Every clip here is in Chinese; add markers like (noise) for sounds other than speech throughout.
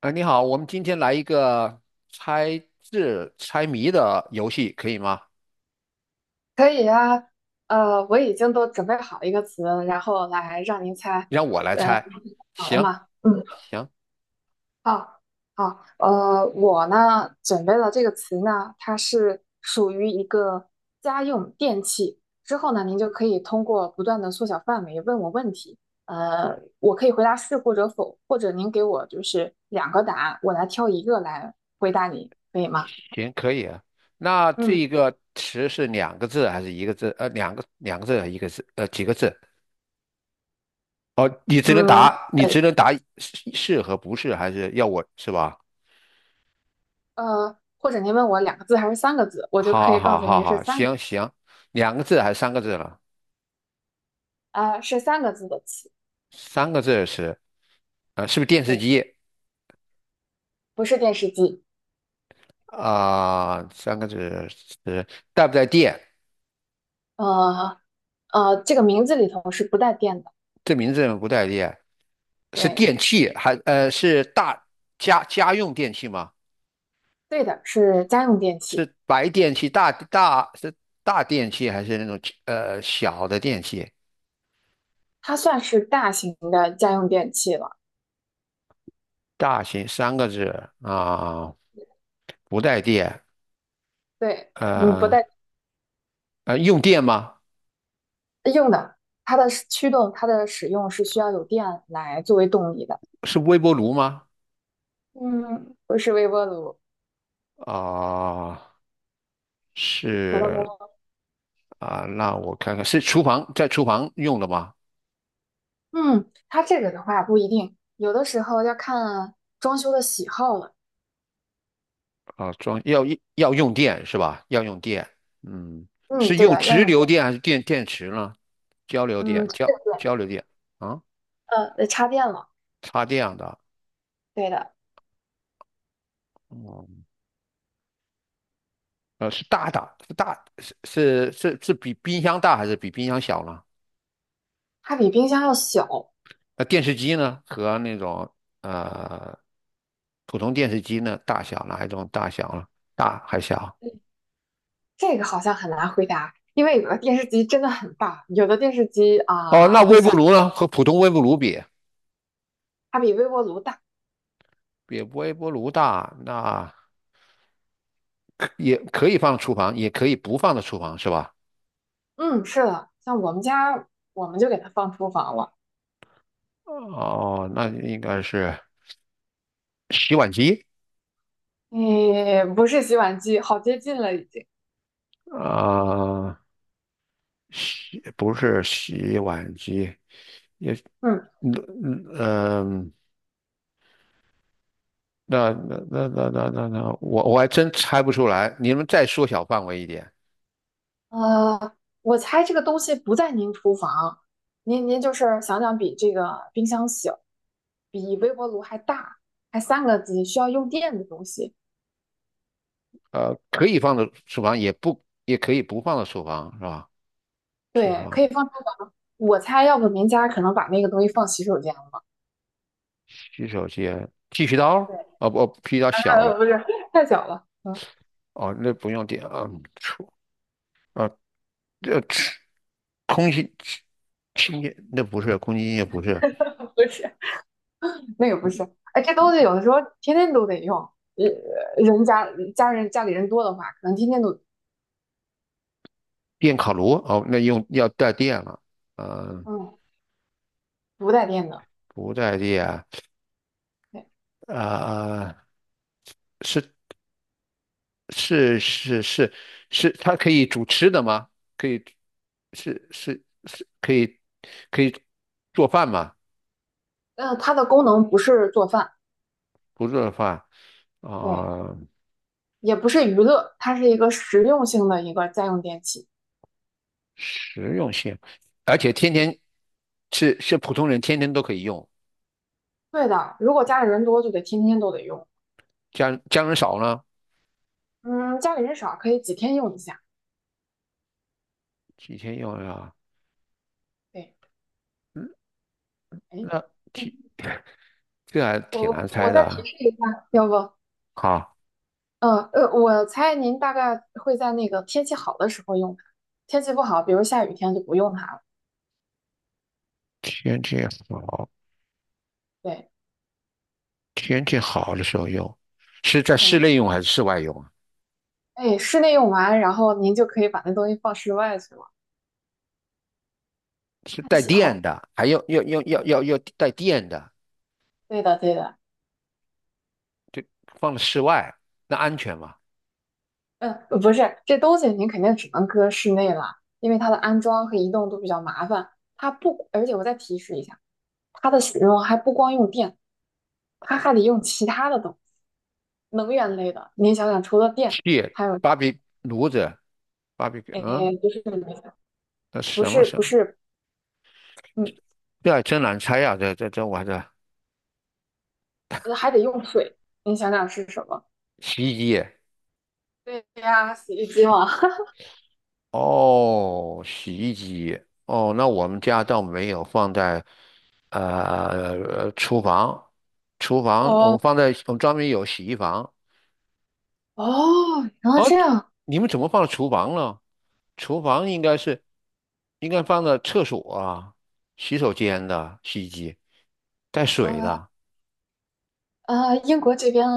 你好，我们今天来一个猜字猜谜的游戏，可以吗？可以呀，我已经都准备好一个词，然后来让您猜。让我来嗯，猜。好了行吗？嗯，行好，好。我呢准备了这个词呢，它是属于一个家用电器。之后呢，您就可以通过不断的缩小范围问我问题。我可以回答是或者否，或者您给我就是两个答案，我来挑一个来回答你，可以吗？行，可以啊。那这嗯一个词是两个字还是一个字？两个字还是一个字？几个字？哦，嗯，你只能答是和不是，还是要我是吧？或者您问我两个字还是三个字，我就可好以告好诉好您是好，三个，行行，两个字还是三个字了？啊，是三个字的词，三个字是，是不是电视对，机？不是电视机，啊、三个字是带不带电？呃这个名字里头是不带电的，这名字不带电，是对，电器还是家用电器吗？对的，是家用电器，是白电器是大电器还是那种小的电器？它算是大型的家用电器了，大型三个字啊，不带电，对，嗯，不呃带用电吗？用的，它的使驱动，它的使用是需要有电来作为动力的，是微波炉吗？嗯，不是微波炉，啊、除了微波是炉，啊，那我看看是厨房在厨房用的吗？嗯，它这个的话不一定，有的时候要看装修的喜好了。啊，要用电是吧？要用电，嗯，嗯，是对用的，要直用流电。电还是电池呢？交流嗯，电，对交对对，交流电啊，得插电了，插电的，对的，哦、是大的，是大，是是是是比冰箱大还是比冰箱小呢？它比冰箱要小。那电视机呢？和那种呃普通电视机呢，大小哪一种大小呢？大还小？嗯，这个好像很难回答，因为有的电视机真的很大，有的电视机哦，那啊、会微波小，炉呢？和普通微波炉比，它比微波炉大。比微波炉大，那也可以放厨房，也可以不放到厨房，是吧？嗯，是的，像我们家，我们就给它放厨房了。哦，那应该是洗碗机诶，不是洗碗机，好接近了已经。啊，不是洗碗机，嗯，嗯嗯嗯，那，我还真猜不出来。你们再缩小范围一点，呃，我猜这个东西不在您厨房，您就是想想比这个冰箱小，比微波炉还大，还三个机，需要用电的东西。可以放到厨房，也可以不放到厨房，是吧？厨对，可房以放厨房。我猜，要不您家可能把那个东西放洗手间了。洗手间，剃须刀对 啊，不，剃须刀 (laughs)，小了。不是，太小了。嗯，哦，那不用点啊，厨啊，呃，空气清洁那不是空气清洁不是 (laughs) 不是，那个不是。哎，这东西有的时候天天都得用。呃，人家家人家里人多的话，可能天天都电烤炉。哦，那用要带电了，嗯、嗯不带电的。不带电啊、对，呃是是是是是，它可以煮吃的吗？可以是是是可以可以做饭吗？它的功能不是做饭，不做饭对，啊、也不是娱乐，它是一个实用性的一个家用电器。实用性，而且天天是普通人天天都可以用，对的，如果家里人多，就得天天都得用。家人少呢，嗯，家里人少可以几天用一下。几天用呀？对，嗯哎。那。嗯，这还挺我难我猜再的提啊。示一下，要不，好，我猜您大概会在那个天气好的时候用它，天气不好，比如下雨天就不用它了。天气好，对天气好的时候用，是在室对，内用还是室外用啊？哎，室内用完，然后您就可以把那东西放室外去了，是看带喜电好。的，还要带电的，对的对的，就放在室外，那安全吗？嗯，不是，这东西您肯定只能搁室内了，因为它的安装和移动都比较麻烦。它不，而且我再提示一下，它的使用还不光用电，它还得用其他的东西，能源类的。您想想，除了电。气，芭比炉子，芭比，哎，嗯，不是那不什么是什不么？是，嗯，这还真难猜呀、这这这我这还得用水。你想想是什么？洗衣机，对呀，洗衣机嘛。(laughs) 哦，洗衣机。哦，那我们家倒没有放在厨房，厨房我哦们放在我们专门有洗衣房。哦，然后这样，你们怎么放厨房了？厨房应该放在厕所啊、洗手间的洗衣机，带水呃的。英国这边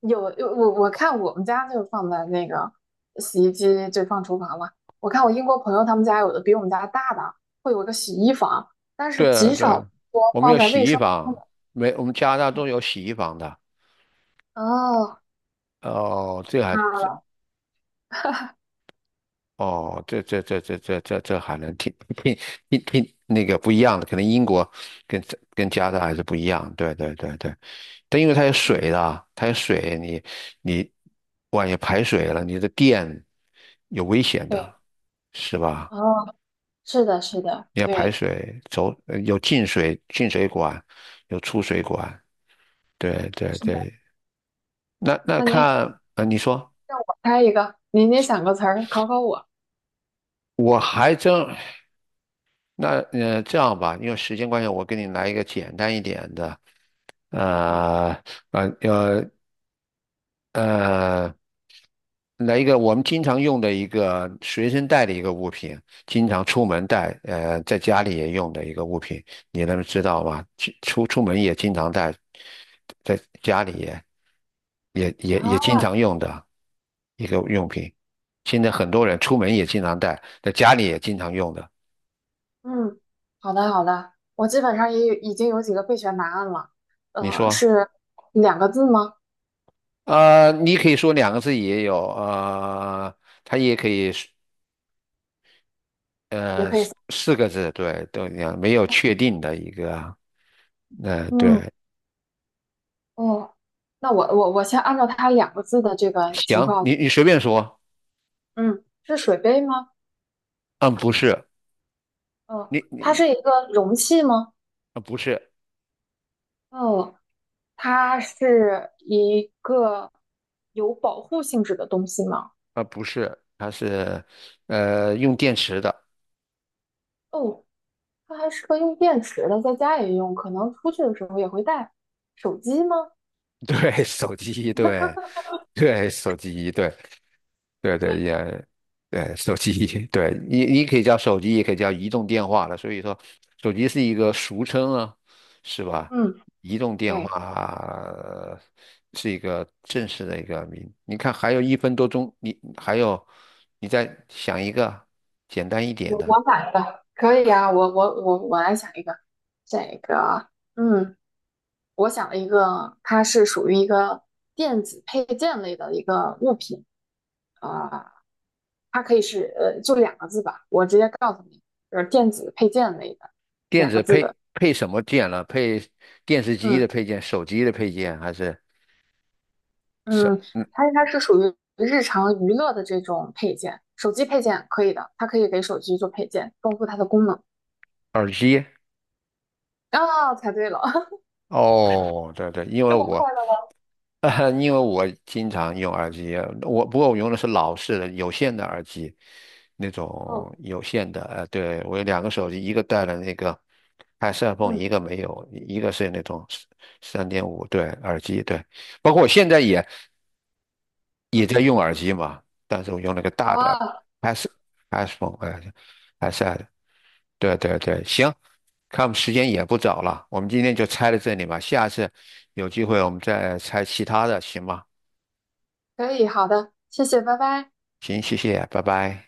有我看我们家就放在那个洗衣机，就放厨房嘛。我看我英国朋友他们家有的比我们家大的，会有一个洗衣房，但是对极对，少说我们放有在洗卫衣生间的。房，我们加拿大都有洗衣房的。哦，哦，这还这啊，哦，这还能挺挺那个不一样的，可能英国跟加拿大还是不一样。对对对对，但因为它有水的，它有水，你万一排水了，你的电有危险的，对，是吧？哦，是的，是的，你要排对，水，走，有进水管，有出水管。对对是的。对，那那您看，你说让我猜一个，您想个词儿考考我我还真那呃这样吧，因为时间关系，我给你来一个简单一点的。啊。呃呃呃呃，来一个我们经常用的一个随身带的一个物品，经常出门带，在家里也用的一个物品，你能知道吗？去出门也经常带，在家里啊，也经常用的一个用品。现在很多人出门也经常带，在家里也经常用的。嗯，好的好的，我基本上也有已经有几个备选答案了。你说，是两个字吗？你可以说两个字也有，它也可以。也可以三四个字，对，都一样，没有确定的一个，嗯，对，哦，那我先按照它两个字的这个情行，况。你随便说，嗯，是水杯吗？嗯，不是，哦，你它你是一个容器吗？啊，不是哦，它是一个有保护性质的东西吗？啊，不是，它是，用电池的，哦，它还适合用电池的，在家也用，可能出去的时候也会带。手机吗？(laughs) 对，手机，对，对，手机，对，对对也，对手机，(laughs) 对你可以叫手机，也可以叫移动电话了。所以说，手机是一个俗称啊，是吧？嗯，移动电话对，是一个正式的一个名。你看，还有一分多钟，你还有，你再想一个简单一点我我的，买的可以啊。我来想一个，这个，嗯，我想了一个，它是属于一个电子配件类的一个物品啊、它可以是就两个字吧，我直接告诉你，就是电子配件类的电两个子字的，配什么件了？配电视机的嗯。配件、手机的配件，还是什嗯，嗯它应该是属于日常娱乐的这种配件，手机配件可以的，它可以给手机做配件，丰富它的功能。耳机？啊，猜对了，(laughs) 哦，对对，因为这么我 快的吗？(laughs) 哈，因为我经常用耳机，不过我用的是老式的有线的耳机，那哦，种有线的。对，我有两个手机，一个带了那个 i p h o n e 嗯一个没有，一个是那种3.5对耳机，对。包括我现在也嗯，在用耳机嘛，但是我用了个好大的 啊，s i p h o n e i a d s e 对对对，行，看我们时间也不早了，我们今天就拆到这里吧，下次有机会我们再拆其他的，行吗？可以，好的，谢谢，拜拜。行，谢谢，拜拜。